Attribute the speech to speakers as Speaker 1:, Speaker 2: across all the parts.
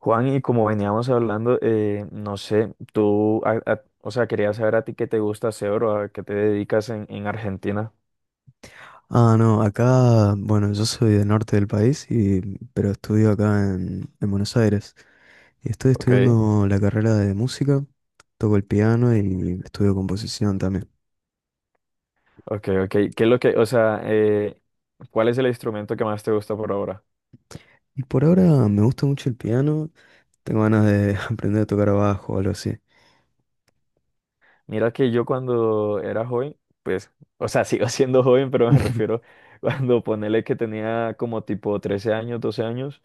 Speaker 1: Juan, y como veníamos hablando, no sé, tú, quería saber a ti qué te gusta hacer o a qué te dedicas en Argentina.
Speaker 2: Ah, no, acá, bueno, yo soy del norte del país, y, pero estudio acá en Buenos Aires. Y estoy
Speaker 1: Ok,
Speaker 2: estudiando la carrera de música, toco el piano y estudio composición también.
Speaker 1: ok. ¿Qué es lo que, cuál es el instrumento que más te gusta por ahora?
Speaker 2: Y por ahora me gusta mucho el piano, tengo ganas de aprender a tocar bajo o algo así.
Speaker 1: Mira que yo cuando era joven, pues, o sea, sigo siendo joven, pero me refiero cuando ponele que tenía como tipo 13 años, 12 años,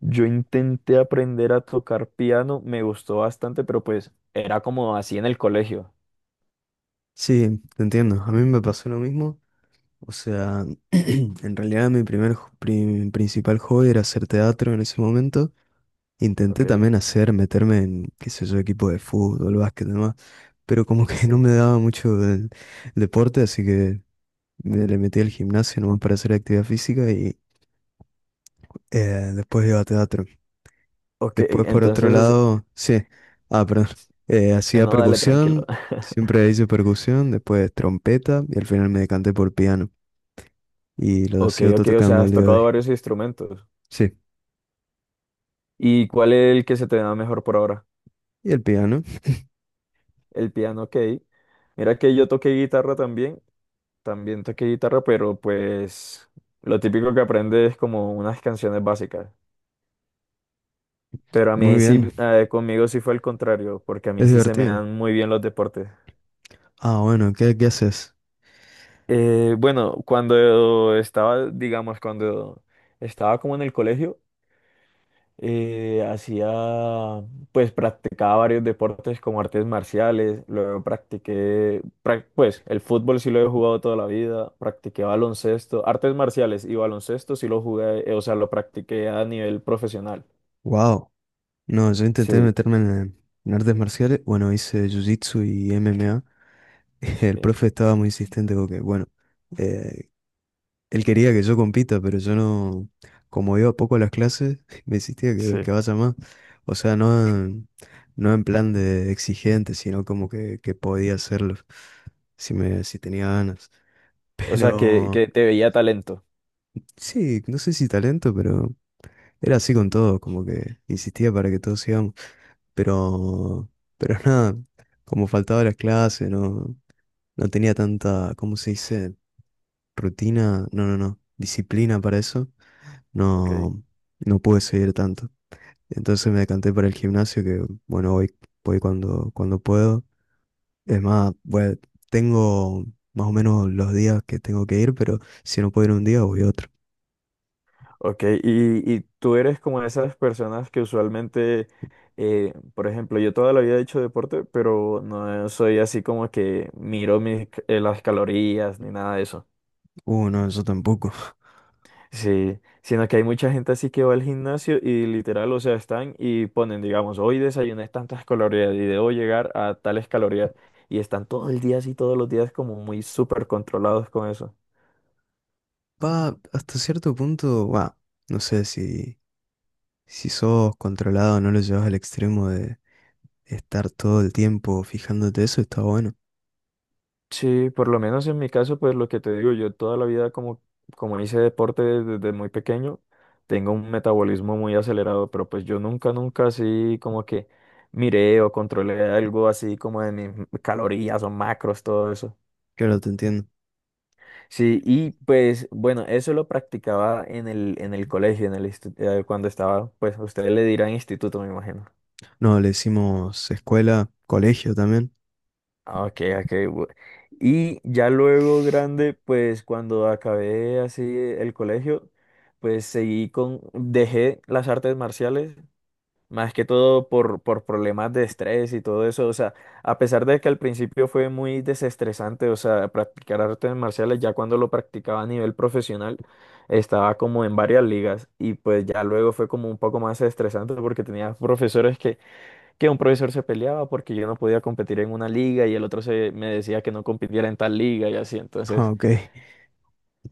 Speaker 1: yo intenté aprender a tocar piano, me gustó bastante, pero pues era como así en el colegio.
Speaker 2: Sí, te entiendo, a mí me pasó lo mismo. O sea, en realidad mi principal hobby era hacer teatro en ese momento. Intenté
Speaker 1: Ok,
Speaker 2: también hacer, meterme en, qué sé yo, equipo de fútbol, básquet y demás, pero como que
Speaker 1: sí.
Speaker 2: no me daba mucho el deporte, así que me le metí al gimnasio nomás para hacer actividad física y eh, después iba a teatro.
Speaker 1: Ok,
Speaker 2: Después, por otro
Speaker 1: entonces,
Speaker 2: lado, sí, ah, perdón, hacía
Speaker 1: no, dale, tranquilo.
Speaker 2: percusión, siempre hice percusión, después trompeta y al final me decanté por piano y lo
Speaker 1: Ok,
Speaker 2: sigo
Speaker 1: ok, o sea,
Speaker 2: tocando al
Speaker 1: has
Speaker 2: día de
Speaker 1: tocado
Speaker 2: hoy.
Speaker 1: varios instrumentos.
Speaker 2: Sí,
Speaker 1: ¿Y cuál es el que se te da mejor por ahora?
Speaker 2: y el piano,
Speaker 1: El piano, ok. Mira que yo toqué guitarra también, también toqué guitarra, pero pues lo típico que aprendes es como unas canciones básicas. Pero a
Speaker 2: muy
Speaker 1: mí
Speaker 2: bien,
Speaker 1: sí, conmigo sí fue el contrario, porque a
Speaker 2: es
Speaker 1: mí sí se me
Speaker 2: divertido.
Speaker 1: dan muy bien los deportes.
Speaker 2: Ah, bueno, ¿qué, qué haces?
Speaker 1: Bueno, cuando estaba, digamos, cuando estaba como en el colegio, Eh, hacía, pues practicaba varios deportes como artes marciales, luego practiqué, pues el fútbol sí lo he jugado toda la vida, practiqué baloncesto, artes marciales y baloncesto sí lo jugué, o sea, lo practiqué a nivel profesional.
Speaker 2: Wow. No, yo intenté
Speaker 1: Sí,
Speaker 2: meterme en artes marciales. Bueno, hice jiu-jitsu y MMA. El
Speaker 1: sí.
Speaker 2: profe estaba muy insistente porque, bueno, eh, él quería que yo compita, pero yo no, como iba poco a las clases, me insistía que
Speaker 1: Sí,
Speaker 2: vaya más. O sea, no, no en plan de exigente, sino como que podía hacerlo si si tenía ganas.
Speaker 1: o sea,
Speaker 2: Pero
Speaker 1: que te veía talento.
Speaker 2: sí, no sé si talento, pero era así con todo, como que insistía para que todos sigamos. Pero, pero nada, como faltaba las clases, no, no tenía tanta, ¿cómo se dice? Rutina, no, no, no, disciplina para eso,
Speaker 1: Ok.
Speaker 2: no, no pude seguir tanto. Entonces me decanté para el gimnasio, que bueno, voy, voy cuando, cuando puedo. Es más, bueno, tengo más o menos los días que tengo que ir, pero si no puedo ir un día, voy otro.
Speaker 1: Ok, y tú eres como esas personas que usualmente, por ejemplo, yo toda la vida he hecho deporte, pero no soy así como que miro mis, las calorías ni nada de eso.
Speaker 2: No, yo tampoco.
Speaker 1: Sí, sino que hay mucha gente así que va al gimnasio y literal, o sea, están y ponen, digamos, hoy desayuné tantas calorías y debo llegar a tales calorías. Y están todo el día así, todos los días como muy súper controlados con eso.
Speaker 2: Va, hasta cierto punto, va, no sé si, si sos controlado, no lo llevas al extremo de estar todo el tiempo fijándote eso, está bueno.
Speaker 1: Sí, por lo menos en mi caso, pues lo que te digo, yo toda la vida como, como hice deporte desde muy pequeño, tengo un metabolismo muy acelerado, pero pues yo nunca, nunca así como que miré o controlé algo así como de mis calorías o macros, todo eso.
Speaker 2: Claro, te entiendo.
Speaker 1: Sí, y pues bueno, eso lo practicaba en el colegio, en el, cuando estaba, pues ustedes le dirán instituto, me imagino.
Speaker 2: No, le decimos escuela, colegio también.
Speaker 1: Ah, ok, ok. Y ya luego grande, pues cuando acabé así el colegio, pues seguí con, dejé las artes marciales, más que todo por problemas de estrés y todo eso. O sea, a pesar de que al principio fue muy desestresante, o sea, practicar artes marciales, ya cuando lo practicaba a nivel profesional, estaba como en varias ligas y pues ya luego fue como un poco más estresante porque tenía profesores que un profesor se peleaba porque yo no podía competir en una liga y el otro se me decía que no compitiera en tal liga y así.
Speaker 2: Ah,
Speaker 1: Entonces,
Speaker 2: ok.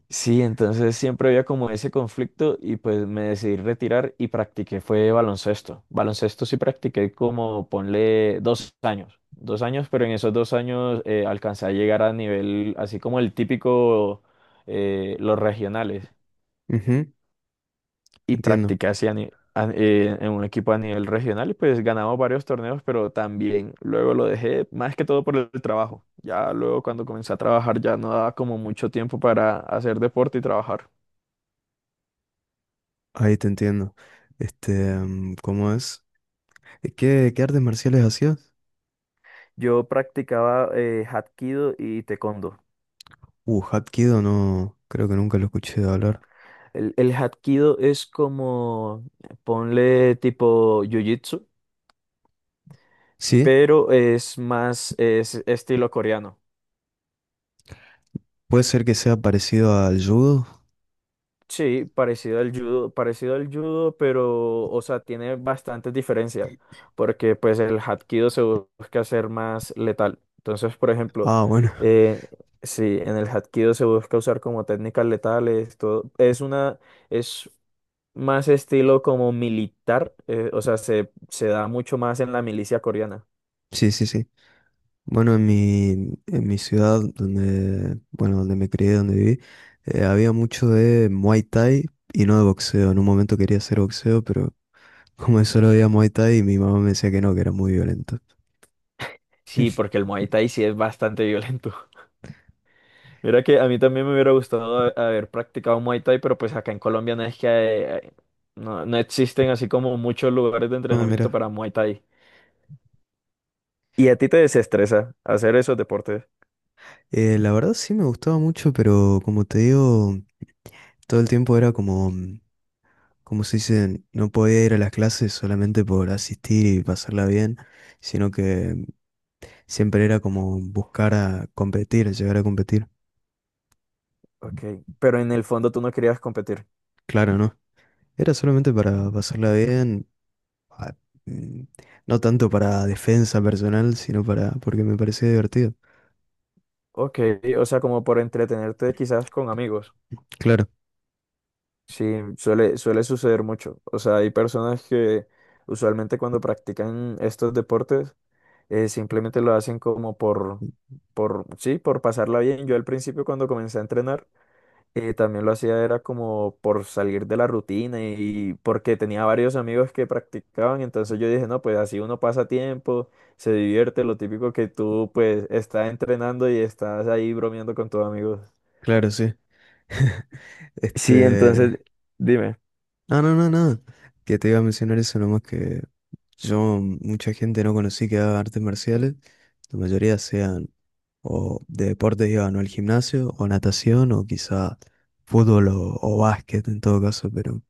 Speaker 1: sí, entonces siempre había como ese conflicto y pues me decidí retirar y practiqué, fue baloncesto. Baloncesto sí practiqué como, ponle, 2 años. 2 años, pero en esos 2 años alcancé a llegar a nivel, así como el típico, los regionales.
Speaker 2: Ujú.
Speaker 1: Y
Speaker 2: Entiendo.
Speaker 1: practiqué así a ni- a- en un equipo a nivel regional y pues ganamos varios torneos, pero también luego lo dejé más que todo por el trabajo. Ya luego cuando comencé a trabajar ya no daba como mucho tiempo para hacer deporte y trabajar.
Speaker 2: Ahí te entiendo. Este, ¿cómo es? ¿Qué, qué artes marciales hacías?
Speaker 1: Yo practicaba Hapkido y Taekwondo.
Speaker 2: Hapkido no, creo que nunca lo escuché hablar.
Speaker 1: El Hapkido es como, ponle tipo Jiu-Jitsu,
Speaker 2: ¿Sí?
Speaker 1: pero es más, es estilo coreano.
Speaker 2: ¿Puede ser que sea parecido al judo?
Speaker 1: Sí, parecido al judo, pero, o sea, tiene bastantes diferencias, porque pues el hapkido se busca hacer más letal. Entonces, por ejemplo,
Speaker 2: Ah, bueno,
Speaker 1: eh, sí, en el hapkido se busca usar como técnicas letales, todo, es una, es más estilo como militar, o sea, se da mucho más en la milicia coreana.
Speaker 2: sí, sí, sí. Bueno, en mi ciudad, donde, bueno, donde me crié, donde viví, había mucho de Muay Thai y no de boxeo. En un momento quería hacer boxeo, pero como solo había Muay Thai, mi mamá me decía que no, que era muy violento.
Speaker 1: Sí, porque el Muay Thai sí es bastante violento. Mira que a mí también me hubiera gustado haber practicado Muay Thai, pero pues acá en Colombia no es que eh, no, no existen así como muchos lugares de
Speaker 2: No,
Speaker 1: entrenamiento
Speaker 2: mira,
Speaker 1: para Muay Thai. Y a ti te desestresa hacer esos deportes.
Speaker 2: la verdad sí me gustaba mucho, pero como te digo, todo el tiempo era como... mm, como se dice, no podía ir a las clases solamente por asistir y pasarla bien, sino que siempre era como buscar a competir, llegar a competir.
Speaker 1: Ok, pero en el fondo tú no querías competir.
Speaker 2: Claro, ¿no? Era solamente para pasarla bien, a- mm, no tanto para defensa personal, sino para porque me parecía divertido.
Speaker 1: Ok, o sea, como por entretenerte quizás con amigos.
Speaker 2: Claro,
Speaker 1: Sí, suele, suele suceder mucho. O sea, hay personas que usualmente cuando practican estos deportes simplemente lo hacen como por, sí, por pasarla bien. Yo al principio cuando comencé a entrenar también lo hacía era como por salir de la rutina y porque tenía varios amigos que practicaban, entonces yo dije, no, pues así uno pasa tiempo, se divierte, lo típico que tú pues estás entrenando y estás ahí bromeando con tus amigos.
Speaker 2: claro, sí.
Speaker 1: Sí,
Speaker 2: Este,
Speaker 1: entonces, dime,
Speaker 2: no, no, no, no. Que te iba a mencionar eso nomás que yo mucha gente no conocí que haga artes marciales. La mayoría sean o de deportes iban o al gimnasio o natación o quizá fútbol o básquet en todo caso, pero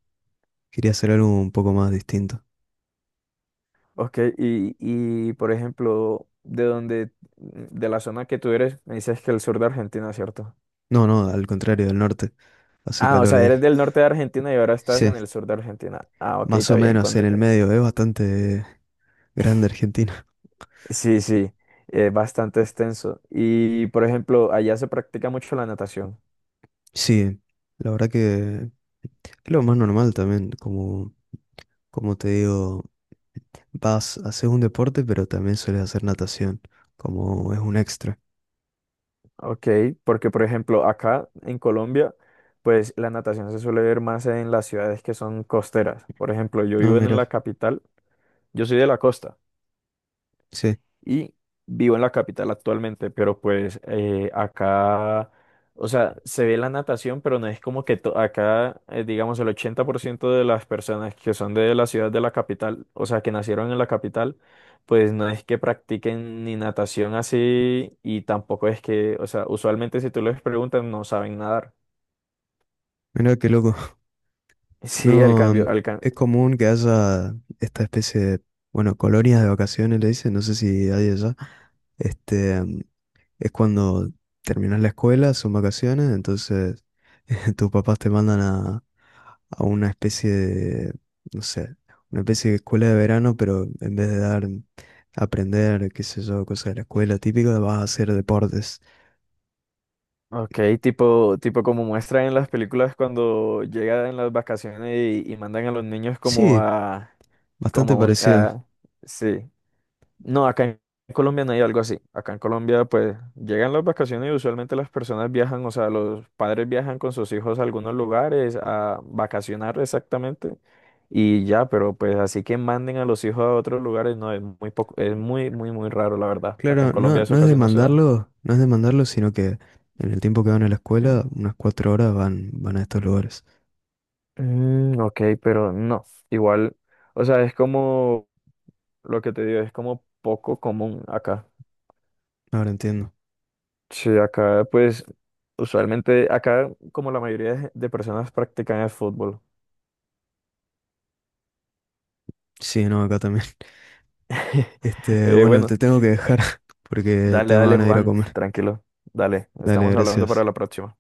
Speaker 2: quería hacer algo un poco más distinto.
Speaker 1: ok, y por ejemplo, de donde, de la zona que tú eres, me dices que el sur de Argentina, ¿cierto?
Speaker 2: No, no, al contrario, del norte. Hace
Speaker 1: Ah, o
Speaker 2: calor
Speaker 1: sea,
Speaker 2: ahí.
Speaker 1: eres del norte de Argentina y ahora estás
Speaker 2: Sí,
Speaker 1: en el sur de Argentina. Ah, ok,
Speaker 2: más
Speaker 1: está
Speaker 2: o
Speaker 1: bien,
Speaker 2: menos en el medio. Es bastante grande Argentina.
Speaker 1: sí, sí, es bastante extenso. Y, por ejemplo, allá se practica mucho la natación.
Speaker 2: Sí, la verdad que es lo más normal también, como, como te digo. Vas, haces un deporte, pero también sueles hacer natación, como es un extra.
Speaker 1: Ok, porque, por ejemplo, acá en Colombia, pues la natación se suele ver más en las ciudades que son costeras. Por ejemplo, yo
Speaker 2: No,
Speaker 1: vivo en la
Speaker 2: mira,
Speaker 1: capital, yo soy de la costa.
Speaker 2: sí,
Speaker 1: Y vivo en la capital actualmente, pero pues acá, o sea, se ve la natación, pero no es como que acá, digamos, el 80% de las personas que son de la ciudad de la capital, o sea, que nacieron en la capital, pues no es que practiquen ni natación así y tampoco es que, o sea, usualmente si tú les preguntas no saben nadar.
Speaker 2: mira qué loco.
Speaker 1: Sí, el
Speaker 2: No,
Speaker 1: cambio,
Speaker 2: mm, es común que haya esta especie de, bueno, colonias de vacaciones, le dicen, no sé si hay allá, este, es cuando terminas la escuela, son vacaciones, entonces tus papás te mandan a una especie de, no sé, una especie de escuela de verano, pero en vez de dar, aprender, qué sé yo, cosas de la escuela típica, vas a hacer deportes.
Speaker 1: ok, tipo, tipo como muestran en las películas cuando llegan en las vacaciones y mandan a los niños como
Speaker 2: Sí,
Speaker 1: a,
Speaker 2: bastante
Speaker 1: como un,
Speaker 2: parecido.
Speaker 1: ah, sí. No, acá en Colombia no hay algo así. Acá en Colombia, pues, llegan las vacaciones y usualmente las personas viajan, o sea, los padres viajan con sus hijos a algunos lugares a vacacionar exactamente y ya, pero pues así que manden a los hijos a otros lugares, no, es muy poco, es muy, muy, muy raro, la verdad. Acá en
Speaker 2: Claro, no,
Speaker 1: Colombia eso
Speaker 2: no es
Speaker 1: casi no se da.
Speaker 2: demandarlo, no es demandarlo, sino que en el tiempo que van a la escuela, unas 4 horas van, van a estos lugares.
Speaker 1: Mm, ok, pero no, igual, o sea, es como lo que te digo, es como poco común acá.
Speaker 2: Ahora entiendo.
Speaker 1: Sí, acá pues usualmente, acá como la mayoría de personas practican el fútbol.
Speaker 2: Sí, no, acá también. Este, bueno, te
Speaker 1: Bueno,
Speaker 2: tengo que dejar porque
Speaker 1: dale,
Speaker 2: tengo
Speaker 1: dale
Speaker 2: ganas de ir a
Speaker 1: Juan,
Speaker 2: comer.
Speaker 1: tranquilo, dale,
Speaker 2: Dale,
Speaker 1: estamos hablando para
Speaker 2: gracias.
Speaker 1: la próxima.